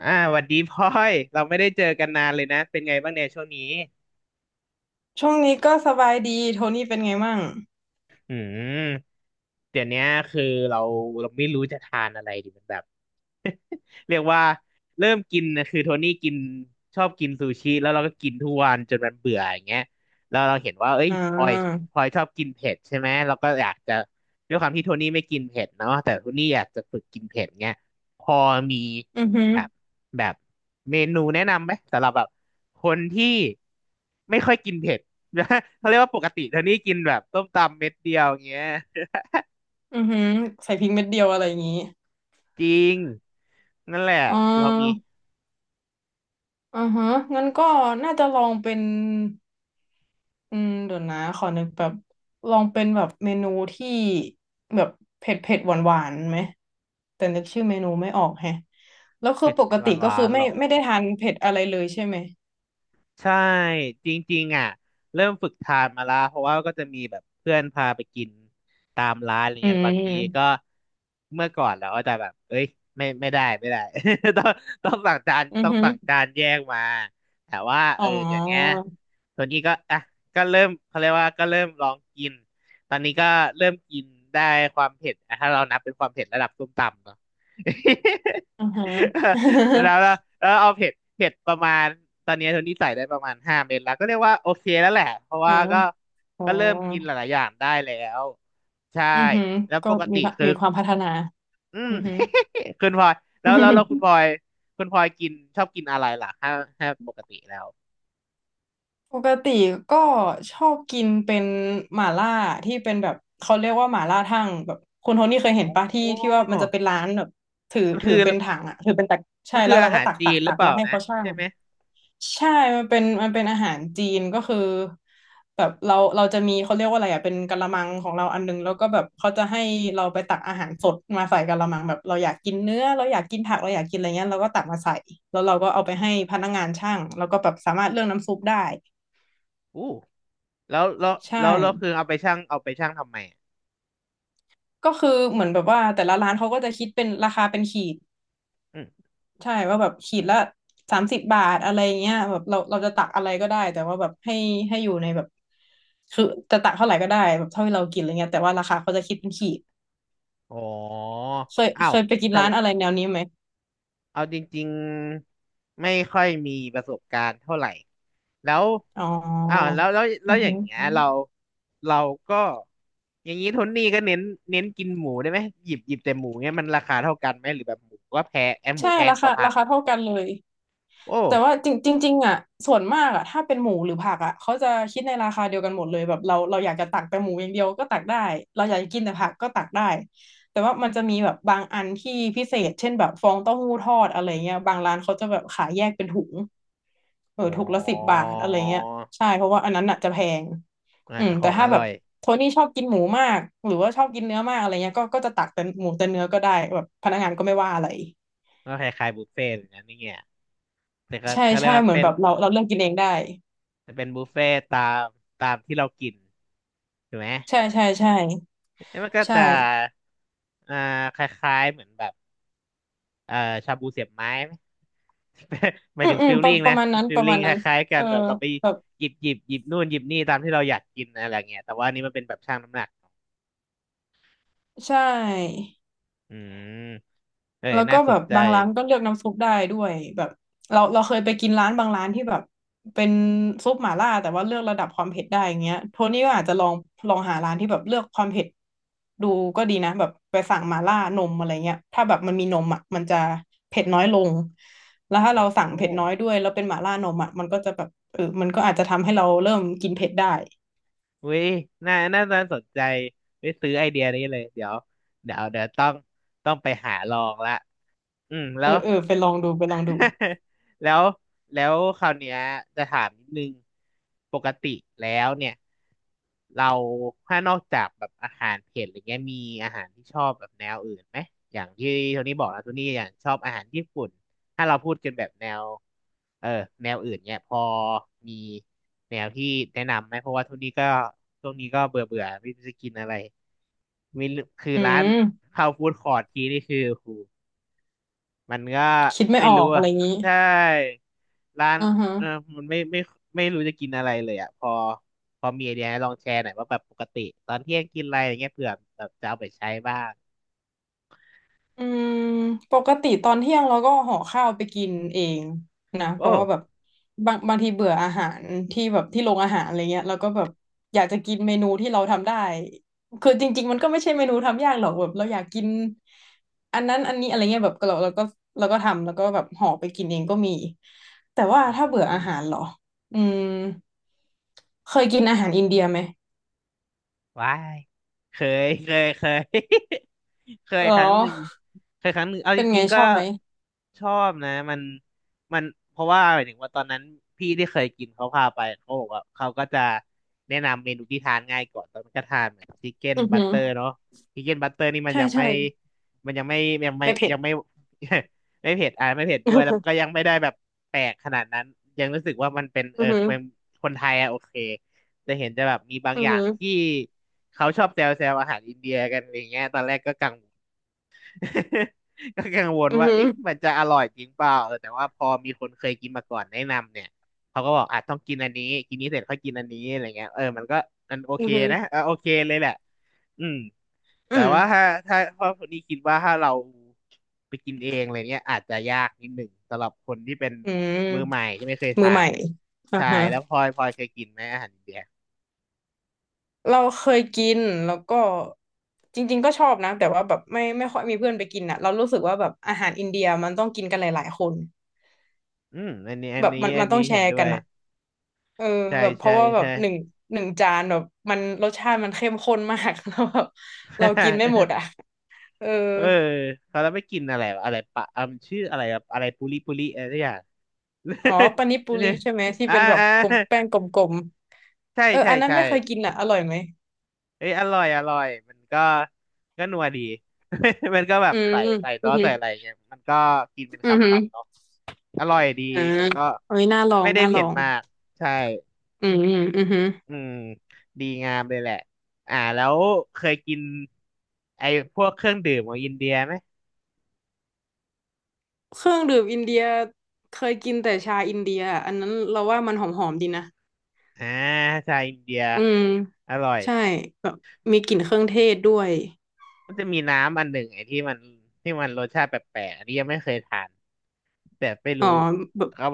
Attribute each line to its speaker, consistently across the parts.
Speaker 1: หวัดดีพลอยเราไม่ได้เจอกันนานเลยนะ เป็นไงบ้างเนี่ยช่วงนี้
Speaker 2: ช่วงนี้ก็สบายดีโทนี่เป็นไงมั่ง
Speaker 1: อืม เดี๋ยวเนี้ยคือเราเราไม่รู้จะทานอะไรดีมันแบบ เรียกว่าเริ่มกินนะคือโทนี่กินชอบกินซูชิแล้วเราก็กินทุกวันจนมันเบื่ออย่างเงี้ยแล้วเราเห็นว่าเอ้ย
Speaker 2: อ่
Speaker 1: พลอย
Speaker 2: า
Speaker 1: พลอยชอบกินเผ็ดใช่ไหมเราก็อยากจะด้วยความที่โทนี่ไม่กินเผ็ดเนาะแต่โทนี่อยากจะฝึกกินเผ็ดเงี้ยพอมี
Speaker 2: อือหือ
Speaker 1: แบบแบบเมนูแนะนำไหมสำหรับแบบคนที่ไม่ค่อยกินเผ็ด เขาเรียกว่าปกติโทนี่กินแบบต้มตำเม็ดเดียวอย่างเงี้ย
Speaker 2: อือหือใส่พริกเม็ดเดียวอะไรอย่างงี้
Speaker 1: จริงนั่นแหละ
Speaker 2: อ่
Speaker 1: พอมี
Speaker 2: าอือฮะงั้นก็น่าจะลองเป็น เดี๋ยวนะขอนึกแบบลองเป็นแบบเมนูที่แบบเผ็ดเผ็ดหวานหวานๆไหมแต่นึกชื่อเมนูไม่ออกแฮะแล้วคือ
Speaker 1: เผ็ด
Speaker 2: ปก
Speaker 1: หวา
Speaker 2: ติ
Speaker 1: นห
Speaker 2: ก็
Speaker 1: วา
Speaker 2: คือ
Speaker 1: นห
Speaker 2: ไม่
Speaker 1: รอ
Speaker 2: ไม่ได้ทานเผ็ดอะไรเลยใช่ไหม
Speaker 1: ใช่จริงๆอ่ะเริ่มฝึกทานมาละเพราะว่าก็จะมีแบบเพื่อนพาไปกินตามร้านอะไร
Speaker 2: อื
Speaker 1: เงี้ยบางทีก็
Speaker 2: ม
Speaker 1: เมื่อก่อนเราก็จะแบบเอ้ยไม่ได้ ต้องต้องสั่งจาน
Speaker 2: อือ
Speaker 1: ต้อง
Speaker 2: หือ
Speaker 1: สั่งจานแยกมาแต่ว่า
Speaker 2: อ๋
Speaker 1: เอ
Speaker 2: อ
Speaker 1: อเดี๋ยวเนี้ยตัวนี้ก็อ่ะก็เริ่มเขาเรียกว่าก็เริ่มลองกินตอนนี้ก็เริ่มกินได้ความเผ็ดอ่ะถ้าเรานับเป็นความเผ็ดระดับส้มตำเนาะ
Speaker 2: อือฮะ
Speaker 1: แล้วแล้ว แล้วเอาเผ็ดเผ็ดประมาณตอนนี้โทนี่ใส่ได้ประมาณห้าเม็ดแล้วก็เรียกว่าโอเคแล้วแหละเพราะ
Speaker 2: อา
Speaker 1: ว่าก็
Speaker 2: อ๋อ
Speaker 1: ก็เริ่มกินหลายๆอย่างได้แล้วใช่
Speaker 2: อือหือ
Speaker 1: แล้ว
Speaker 2: ก็
Speaker 1: ปก
Speaker 2: มี
Speaker 1: ติ
Speaker 2: พะ
Speaker 1: คือ
Speaker 2: มีความพัฒนา
Speaker 1: อืม
Speaker 2: อือหือ
Speaker 1: คุณพลอยแล้วแล้วแล้วคุณพลอ ยคุณพลอยกินชอบกินอะไรล่ะถ้าปกติแล้ว
Speaker 2: ปกติก็ชอบกินเป็นหม่าล่าที่เป็นแบบเขาเรียกว่าหม่าล่าทั่งแบบคุณโทนี่เคยเห็
Speaker 1: อ๋
Speaker 2: นปะที่ว่า
Speaker 1: อ
Speaker 2: มันจะเป็นร้านแบบถือ
Speaker 1: มัน
Speaker 2: ถื
Speaker 1: คือ
Speaker 2: อเป็นถังอ่ะถือเป็นตักใช่
Speaker 1: มันคื
Speaker 2: แล้
Speaker 1: อ
Speaker 2: ว
Speaker 1: อา
Speaker 2: เราก็
Speaker 1: หาร
Speaker 2: ตัก
Speaker 1: จี
Speaker 2: ตัก
Speaker 1: นห
Speaker 2: ตั
Speaker 1: รือ
Speaker 2: ก
Speaker 1: เป
Speaker 2: แล้
Speaker 1: ล่า
Speaker 2: วให้
Speaker 1: นะ
Speaker 2: เขาชั่ง
Speaker 1: ใช่ไหม
Speaker 2: ใช่มันเป็นอาหารจีนก็คือแบบเราจะมีเขาเรียกว่าอะไรอ่ะเป็นกะละมังของเราอันนึงแล้วก็แบบเขาจะให้เราไปตักอาหารสดมาใส่กะละมังแบบเราอยากกินเนื้อเราอยากกินผักเราอยากกินอะไรเงี้ยเราก็ตักมาใส่แล้วเราก็เอาไปให้พนักงานช่างแล้วก็แบบสามารถเลือกน้ำซุปได้
Speaker 1: อู้แล้วแล้ว
Speaker 2: ใช่
Speaker 1: แล้วคือเอาไปชั่งทำไมอะ
Speaker 2: ก็คือเหมือนแบบว่าแต่ละร้านเขาก็จะคิดเป็นราคาเป็นขีด
Speaker 1: ม
Speaker 2: ใช่ ว่าแบบขีดละ30 บาทอะไรเงี้ยแบบเราจะตักอะไรก็ได้ แต่ว่าแบบให้อยู่ในแบบคือจะตักเท่าไหร่ก็ได้แบบเท่าที่เรากินอะไรเงี้ยแต่ว่าราคาเขาจะคิดเป็นขีด
Speaker 1: อ๋อ
Speaker 2: เคย
Speaker 1: อ้า
Speaker 2: เค
Speaker 1: ว
Speaker 2: ยไปกิน
Speaker 1: แต่
Speaker 2: ร้านอะไรแนวนี้ไหม
Speaker 1: เอาจริงๆไม่ค่อยมีประสบการณ์เท่าไหร่ แล้ว
Speaker 2: อ๋อ
Speaker 1: อ้าว แล้
Speaker 2: อื
Speaker 1: ว
Speaker 2: อ
Speaker 1: อย่า
Speaker 2: หื
Speaker 1: ง
Speaker 2: อ
Speaker 1: เงี้ยเราก็ อย่างนี้โทนนี่ก็เน้นกินหมูได้ไหมหยิบแต่หมูเงี้ยมันราคาเท่ากันไหมหรือแบบหมูก็แพงแอมหมู
Speaker 2: ใช่
Speaker 1: แพง
Speaker 2: รา
Speaker 1: ก
Speaker 2: คา
Speaker 1: ว่าผั
Speaker 2: รา
Speaker 1: ก
Speaker 2: คาเท่ากันเลย
Speaker 1: โอ้
Speaker 2: แต่ว่าจริงจริงๆอ่ะส่วนมากอ่ะถ้าเป็นหมูหรือผักอ่ะเขาจะคิดในราคาเดียวกันหมดเลยแบบเราอยากจะตักแต่หมูอย่างเดียวก็ตักได้เราอยากจะกินแต่ผักก็ตักได้แต่ว่ามันจะมีแบบบางอันที่พิเศษเช่นแบบฟองเต้าหู้ทอดอะไรเงี้ยบางร้านเขาจะแบบขายแยกเป็นถุงเออ
Speaker 1: โ
Speaker 2: ถุงละสิบ
Speaker 1: ห
Speaker 2: บาทอะไรเงี้ยใช่เพราะว่าอันนั้นอ่ะจะแพง
Speaker 1: อ่า
Speaker 2: อืม
Speaker 1: ข
Speaker 2: แต่
Speaker 1: องอ
Speaker 2: ถ้าแบ
Speaker 1: ร่
Speaker 2: บ
Speaker 1: อย
Speaker 2: โทนี่ชอบกินหมูมากหรือว่าชอบกินเนื้อมากอะไรเงี้ยก็จะตักแต่หมูแต่เนื้อก็ได้แบบพนักงานก็ไม่ว่าอะไร
Speaker 1: ก็คล้ายๆบุฟเฟ่ต์เหมือนกันนี่เงี้ยแต่ก็
Speaker 2: ใช่
Speaker 1: ก็เรีย
Speaker 2: ใช่
Speaker 1: กว่า
Speaker 2: เหมือน
Speaker 1: เป็
Speaker 2: แบ
Speaker 1: น
Speaker 2: บเราเลือกกินเองได้
Speaker 1: เป็นบุฟเฟ่ต์ตามตามที่เรากินถูกไหม
Speaker 2: ใช่ใช่ใช่
Speaker 1: แล้วมันก็
Speaker 2: ใช่
Speaker 1: จะอ่าคล้ายๆเหมือนแบบเอ่อชาบูเสียบไม้ไหม หมาย
Speaker 2: อื
Speaker 1: ถึ
Speaker 2: ม
Speaker 1: ง
Speaker 2: อืม
Speaker 1: ฟิล
Speaker 2: ประ
Speaker 1: ลิ่ง
Speaker 2: ประ
Speaker 1: นะ
Speaker 2: มาณนั้น
Speaker 1: ฟิ
Speaker 2: ป
Speaker 1: ล
Speaker 2: ระ
Speaker 1: ลิ่
Speaker 2: มา
Speaker 1: ง
Speaker 2: ณ
Speaker 1: ค
Speaker 2: นั้น
Speaker 1: ล้ายๆกั
Speaker 2: เอ
Speaker 1: น
Speaker 2: อ
Speaker 1: แบบเราไป
Speaker 2: แบบ
Speaker 1: หยิบนู่นหยิบนี่ตามที่เราอยากกินอะไรเงี้ยแต่ว่าอันนี้มันเป็นแบบชั่งน้ำหนัก
Speaker 2: ใช่
Speaker 1: อืมเออ
Speaker 2: แล้ว
Speaker 1: น่า
Speaker 2: ก็
Speaker 1: ส
Speaker 2: แบ
Speaker 1: น
Speaker 2: บ
Speaker 1: ใจ
Speaker 2: บางร้านก็เลือกน้ำซุปได้ด้วยแบบเราเคยไปกินร้านบางร้านที่แบบเป็นซุปหม่าล่าแต่ว่าเลือกระดับความเผ็ดได้อย่างเงี้ยโทนี่ก็อาจจะลองลองหาร้านที่แบบเลือกความเผ็ดดูก็ดีนะแบบไปสั่งหม่าล่านมอะไรเงี้ยถ้าแบบมันมีนมอ่ะมันจะเผ็ดน้อยลงแล้วถ้า
Speaker 1: โอ้
Speaker 2: เรา
Speaker 1: โห
Speaker 2: สั่งเผ็ดน้อยด้วยแล้วเป็นหม่าล่านมอ่ะมันก็จะแบบเออมันก็อาจจะทำให้เราเริ่มกินเผ็ดได้
Speaker 1: เว้ยน่าสนใจไปซื้อไอเดียนี้เลยเดี๋ยวต้องไปหาลองละอืมแล้
Speaker 2: เอ
Speaker 1: ว
Speaker 2: อเออไปลองดูไปลองดู
Speaker 1: แล้วแล้วคราวเนี้ยจะถามนิดนึงปกติแล้วเนี่ยเราถ้านอกจากแบบอาหารเผ็ดอะไรเงี้ยมีอาหารที่ชอบแบบแนวอื่นไหมอย่างที่โทนี่บอกนะโทนี่อย่างชอบอาหารญี่ปุ่นถ้าเราพูดกันแบบแนวเออแนวอื่นเนี่ยพอมีแนวที่แนะนำไหมเพราะว่าโทนี่ก็ช่วงนี้ก็เบื่อเบื่อไม่รู้จะกินอะไรมีคือ
Speaker 2: อื
Speaker 1: ร้าน
Speaker 2: ม
Speaker 1: เข้าฟู้ดคอร์ททีนี่คือโอ้โห มันก็
Speaker 2: คิดไม่
Speaker 1: ไม่
Speaker 2: ออ
Speaker 1: รู้
Speaker 2: กอะ
Speaker 1: อะ
Speaker 2: ไรอย่างนี้
Speaker 1: ใช่ร้าน
Speaker 2: อ่าฮะ
Speaker 1: เออมันไม่รู้จะกินอะไรเลยอ่ะพอมีไอเดียให้ลองแชร์หน่อยว่าแบบปกติตอนเที่ยงกินอะไรอย่างเงี้ยเผื่อแบบจะเอาไปใช้บ้าง
Speaker 2: อืมปกติตอนเที่ยงเราก็ห่อข้าวไปกินเองนะเพ
Speaker 1: โอ้
Speaker 2: ราะว่าแบบบางบางทีเบื่ออาหารที่แบบที่โรงอาหารอะไรเงี้ยเราก็แบบอยากจะกินเมนูที่เราทำได้คือจริงๆมันก็ไม่ใช่เมนูทำยากหรอกแบบเราอยากกินอันนั้นอันนี้อะไรเงี้ยแบบเราก็เราก็ทำแล้วก็แบบห่อไปกินเองก็มีแต่ว่า
Speaker 1: อ
Speaker 2: ถ้าเบื่อ
Speaker 1: ื
Speaker 2: อา
Speaker 1: ม
Speaker 2: หารเหรออืมเคยกินอาหารอินเดียไหม
Speaker 1: ว้ายเคย เคย เคย
Speaker 2: เหรอ
Speaker 1: ครั้งหนึ่งเคยครั้งหนึ่งเอาจ
Speaker 2: เป็นไง
Speaker 1: ริงๆ
Speaker 2: ช
Speaker 1: ก็
Speaker 2: อบไหม
Speaker 1: ชอบนะมันเพราะว่าหมายถึงว่าตอนนั้นพี่ที่เคยกินเขาพาไปเขาบอกว่าเขาก็จะแนะนำเมนูที่ทานง่ายก่อนตอนนั้นก็ทานเหมือนชิคเก้น
Speaker 2: อือ
Speaker 1: บั
Speaker 2: หื
Speaker 1: ต
Speaker 2: อ
Speaker 1: เตอร์เนาะชิคเก้นบัตเตอร์นี่มัน
Speaker 2: ใช่
Speaker 1: ยังไม่
Speaker 2: ใช่
Speaker 1: มันยังไม่ยังไม่
Speaker 2: ไม่เผ็ด
Speaker 1: ยังไม่ ไม่เผ็ดอ่ะไม่เผ็ด ด้วยแล้วมันก็
Speaker 2: อือ
Speaker 1: ยังไม่ได้แบบแปลกขนาดนั้นยังรู้สึกว่ามันเป็นเอ
Speaker 2: หื
Speaker 1: อ
Speaker 2: อ
Speaker 1: เป็นคนไทยอะโอเค จะเห็นจะแบบมีบาง
Speaker 2: อือ
Speaker 1: อย่า
Speaker 2: หื
Speaker 1: ง
Speaker 2: อ
Speaker 1: ที่เขาชอบแซวอาหารอินเดียกันอย่างเงี้ยตอนแรกก็กังวล ก็กังวล
Speaker 2: อือ
Speaker 1: ว่า
Speaker 2: หือ
Speaker 1: เอ๊ะมันจะอร่อยจริงเปล่าเออแต่ว่าพอมีคนเคยกินมาก่อนแนะนำเนี่ยเขาก็บอกอ่ะต้องกินอันนี้กินนี้เสร็จค่อยกินอันนี้อะไรเงี้ยเออมันก็มันโอ
Speaker 2: อื
Speaker 1: เค
Speaker 2: อหือ
Speaker 1: นะเออโอเคเลยแหละอืมแต่
Speaker 2: อืม
Speaker 1: ว่าถ้าพ่อคนนี้คิดว่าถ้าเราไปกินเองอะไรเนี้ยอาจจะยากนิดหนึ่งสำหรับคนที่เป็น
Speaker 2: อื
Speaker 1: มือใหม่
Speaker 2: ม
Speaker 1: ที่ไม่เคย
Speaker 2: มือ
Speaker 1: ทา
Speaker 2: ให
Speaker 1: น
Speaker 2: ม่อ่า
Speaker 1: ใช่
Speaker 2: ฮะ
Speaker 1: แล้วพลอยเคยกินไหมอาหารอินเดีย
Speaker 2: เราเคยกิน แล้วก็จริงๆก็ชอบนะ แต่ว่าแบบไม่ค่อยมีเพื่อนไปกินอ่ะเรารู้สึกว่าแบบอาหารอินเดียมันต้องกินกันหลายๆคน
Speaker 1: อืม
Speaker 2: แบบมัน
Speaker 1: อั
Speaker 2: มั
Speaker 1: น
Speaker 2: นต้อ
Speaker 1: นี้
Speaker 2: งแช
Speaker 1: เห็น
Speaker 2: ร์
Speaker 1: ด้ว
Speaker 2: กัน
Speaker 1: ย
Speaker 2: อ่ะเออ
Speaker 1: ใช่
Speaker 2: แบบเพ
Speaker 1: ใช่
Speaker 2: ราะว่าแบบ
Speaker 1: ใช่
Speaker 2: หนึ่งจานแบบรสชาติมันเข้มข้นมาก แล้วแบบเรา กินไม่หมดอ่ะเออ
Speaker 1: เออเขาแล้วไม่กินอะไรวะอะไรปะอ่ะมันชื่ออะไรอะไรปุริปุริอะไรสักอย่าง
Speaker 2: อ๋อปานิ ปุริ
Speaker 1: เนี่ย
Speaker 2: ใช่ไหมที่
Speaker 1: อ่า
Speaker 2: เป็นแบบ
Speaker 1: อ่า
Speaker 2: กลมแป้งกลม
Speaker 1: ใช่
Speaker 2: ๆเออ
Speaker 1: ใช่
Speaker 2: อันนั้น
Speaker 1: ใช่
Speaker 2: ไม่เคยกินอ่ะอร่อยไหม
Speaker 1: เอ้ยอร่อยมันก็ก็นัวดี มันก็แบ
Speaker 2: อื
Speaker 1: บ
Speaker 2: ม
Speaker 1: ใส่
Speaker 2: อืม
Speaker 1: ใส่ซ
Speaker 2: อื
Speaker 1: อส
Speaker 2: ม
Speaker 1: ใส่อะไรเงี้ยมันก็กินเป็น
Speaker 2: ออื
Speaker 1: ค
Speaker 2: มอหืม
Speaker 1: ำๆเนาะอร่อยดี
Speaker 2: ออ่า
Speaker 1: มันก็
Speaker 2: เอ้ยน่าลอ
Speaker 1: ไม่
Speaker 2: ง
Speaker 1: ได้
Speaker 2: น่าล
Speaker 1: เผ็
Speaker 2: อ
Speaker 1: ด
Speaker 2: ง
Speaker 1: มากใช่
Speaker 2: อืมอืมอือ
Speaker 1: อืมดีงามเลยแหละอ่าแล้วเคยกินไอ้พวกเครื่องดื่มของอินเดียไหม
Speaker 2: เครื่องดื่มอินเดียเคยกินแต่ชาอินเดียออันนั้นเราว่ามันหอมๆดีนะ
Speaker 1: อ่าชาอินเดีย
Speaker 2: อืม
Speaker 1: อร่อย
Speaker 2: ใช่แบบมีกลิ่นเครื่องเทศด้วย
Speaker 1: มันจะมีน้ำอันหนึ่งไอ้ที่มันที่มันรสชาติแปลกๆอันนี้ยังไม่เคยทานแต่ไม่
Speaker 2: อ๋อ
Speaker 1: รู้
Speaker 2: แบบ
Speaker 1: ครับ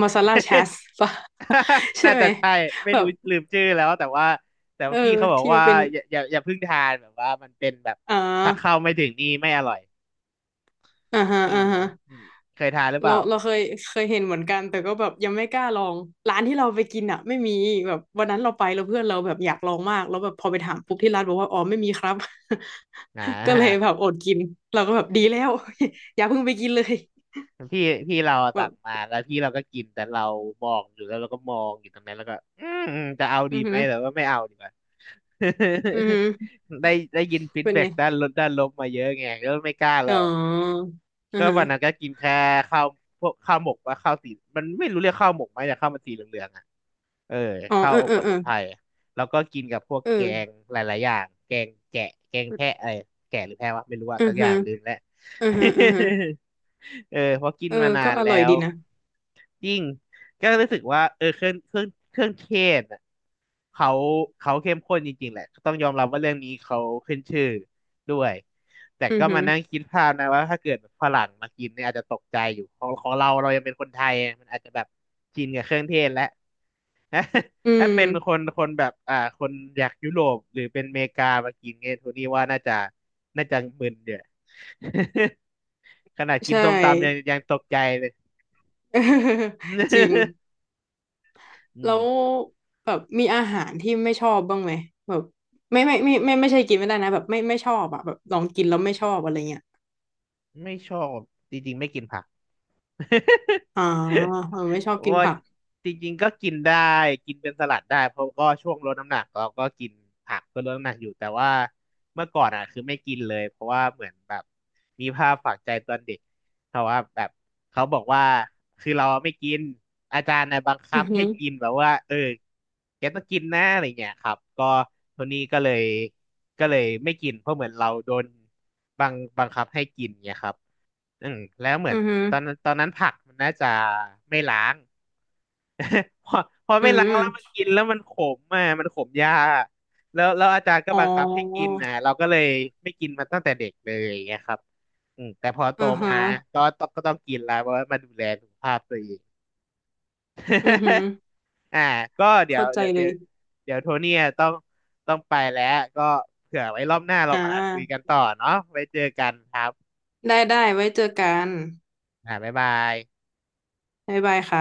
Speaker 2: มาซาลาชาสป่ะ ใช่
Speaker 1: น่า
Speaker 2: ไหม
Speaker 1: จะใช่ไม่
Speaker 2: แบ
Speaker 1: รู้
Speaker 2: บ
Speaker 1: ลืมชื่อแล้วแต่ว่า
Speaker 2: เอ
Speaker 1: พี่
Speaker 2: อ
Speaker 1: เขาบอก
Speaker 2: ที่มั
Speaker 1: ว่า
Speaker 2: นเป็น
Speaker 1: อย่าเพิ่งทานแบบว่ามันเป็นแบบ
Speaker 2: อ่า
Speaker 1: ถ้าเข้าไม่ถึงนี่ไม่อร่อย
Speaker 2: อ่าฮะ
Speaker 1: อื
Speaker 2: อ่า
Speaker 1: ม
Speaker 2: ฮะ
Speaker 1: อืมเคยทานหรือเป
Speaker 2: เรา
Speaker 1: ล่า
Speaker 2: เราเคยเคยเห็นเหมือนกันแต่ก็แบบยังไม่กล้าลองร้านที่เราไปกินอ่ะไม่มีแบบวันนั้นเราไปแล้วเพื่อนเราแบบอยากลองมากแล้วแบบพอไปถามปุ๊บที่ร้านบอกว่าอ๋อไม่มีครับ
Speaker 1: อ่
Speaker 2: ก็เลยแบ
Speaker 1: า
Speaker 2: บอดกินเราก็แบบดีแล้ว อย่าเพิ่งไปกินเลย
Speaker 1: พี่พี่เราอะ
Speaker 2: แบ
Speaker 1: สั่
Speaker 2: บ
Speaker 1: งมาแล้วพี่เราก็กินแต่เรามองอยู่แล้วเราก็มองอยู่ตรงนั้นแล้วก็จะเอา
Speaker 2: อื
Speaker 1: ดี
Speaker 2: อ
Speaker 1: ไห
Speaker 2: หื
Speaker 1: ม
Speaker 2: อ
Speaker 1: แต่ว่าไม่เอาดีกว่า
Speaker 2: อือหือ
Speaker 1: ได้ยินฟีด
Speaker 2: เป็น
Speaker 1: แบ็
Speaker 2: ไง
Speaker 1: กด้านลบมาเยอะไงก็ไม่กล้าล
Speaker 2: อ๋
Speaker 1: อ
Speaker 2: อ
Speaker 1: ง
Speaker 2: อื
Speaker 1: ก็
Speaker 2: อหือ
Speaker 1: วันนั้นก็กินแค่ข้าวพวกข้าวหมกว่าข้าวสีมันไม่รู้เรียกข้าวหมกไหมแต่ข้าวมันสีเหลืองๆอะ เออ
Speaker 2: อ๋อ
Speaker 1: ข้าว
Speaker 2: เออ
Speaker 1: อบ
Speaker 2: เออ
Speaker 1: ส
Speaker 2: เอ
Speaker 1: มุ
Speaker 2: อ
Speaker 1: นไพรแล้วก็กินกับพวกแกง
Speaker 2: เออ
Speaker 1: หลายๆอย่างแกงแกะแกงแพะอะไรแกะหรือแพะวะไม่รู้ว่า
Speaker 2: อื
Speaker 1: สั
Speaker 2: อ
Speaker 1: กอย่า
Speaker 2: หื
Speaker 1: ง
Speaker 2: อ
Speaker 1: ลืมแล้ว
Speaker 2: อือหืออือหือ
Speaker 1: เออเพราะกิน
Speaker 2: เออ
Speaker 1: มานา
Speaker 2: ก็
Speaker 1: น
Speaker 2: อ
Speaker 1: แล้
Speaker 2: ร่อย
Speaker 1: ว
Speaker 2: ดีนะ
Speaker 1: ยิ่งก็รู้สึกว่าเออเครื่องเครื่องเครื่องเทศอ่ะเขาเขาเข้มข้นจริงๆแหละก็ต้องยอมรับว่าเรื่องนี้เขาขึ้นชื่อด้วยแต่
Speaker 2: อือ
Speaker 1: ก็
Speaker 2: หื
Speaker 1: มา
Speaker 2: อ
Speaker 1: นั่งคิดภาพนะว่าถ้าเกิดฝรั่งมากินเนี่ยอาจจะตกใจอยู่ของเราเรายังเป็นคนไทยมันอาจจะแบบชินกับเครื่องเทศแล้ว ถ้า
Speaker 2: อื
Speaker 1: ถ้าเป็นค
Speaker 2: ม
Speaker 1: นคนแบบคนอยากยุโรปหรือเป็นอเมริกามากินเงี้ยโทนี่ว่าน่าจะมึนเยอะ ขนาดกิ
Speaker 2: ใช่
Speaker 1: นส้มตำยังตกใจเลย
Speaker 2: จริง
Speaker 1: อื
Speaker 2: แล้ว
Speaker 1: ม
Speaker 2: แบบมีอาหารที่ไม่ชอบบ้างไหมแบบไม่ไม่ไม่ไม่ไม่ใช่กินไม่ได้นะแบบไม่ชอบอะแบบลองกินแล้วไม่ชอบอะไรเงี้ย
Speaker 1: ไม่ชอบจริงๆไม่กินผัก
Speaker 2: อ๋อเออไม่ชอบ กิน
Speaker 1: ว่า
Speaker 2: ผัก
Speaker 1: จริงๆก็กินได้กินเป็นสลัดได้เพราะก็ช่วงลดน้ำหนักเราก็กินผักเพื่อลดน้ำหนักอยู่แต่ว่าเมื่อก่อนอ่ะคือไม่กินเลยเพราะว่าเหมือนแบบมีภาพฝังใจตอนเด็กเพราะว่าแบบเขาบอกว่าคือเราไม่กินอาจารย์นะบังคั
Speaker 2: อื
Speaker 1: บ
Speaker 2: อหื
Speaker 1: ให้
Speaker 2: อ
Speaker 1: กินแบบว่าเออแกต้องกินนะอะไรเงี้ยครับก็ทีนี้ก็เลยไม่กินเพราะเหมือนเราโดนบังบังคับให้กินเงี้ยครับ อืมแล้วเหมือน
Speaker 2: อือหือ
Speaker 1: ตอนนั้นผักมันน่าจะไม่ล้าง พอพอ
Speaker 2: อื
Speaker 1: ไม่ล้างแล้วมัน
Speaker 2: ม
Speaker 1: กินแล้วมันขมอ่ะมันขมยากแล้วอาจารย์ก็
Speaker 2: อ๋อ
Speaker 1: บังคับให้กินนะเราก็เลยไม่กินมันตั้งแต่เด็กเลยอย่างเงี้ยครับอืมแต่พอโต
Speaker 2: อือฮะ
Speaker 1: มาก็ต้องกินแล้วเพราะว่ามาดูแลสุขภาพตัวเอง
Speaker 2: อือหือ
Speaker 1: อ่าก็เดี๋ยว
Speaker 2: เข้าใจ
Speaker 1: เดี๋ยว
Speaker 2: เล
Speaker 1: เดี๋ยว
Speaker 2: ย
Speaker 1: เดี๋ยวโทเนี่ยต้องไปแล้วก็เผื่อไว้รอบหน้าเรา
Speaker 2: อ่
Speaker 1: มาคุยกัน
Speaker 2: า
Speaker 1: ต่อเนาะไว้เจอกันครับ
Speaker 2: ได้ได้ไว้เจอกัน
Speaker 1: อ่าบ๊ายบาย
Speaker 2: บ๊ายบายค่ะ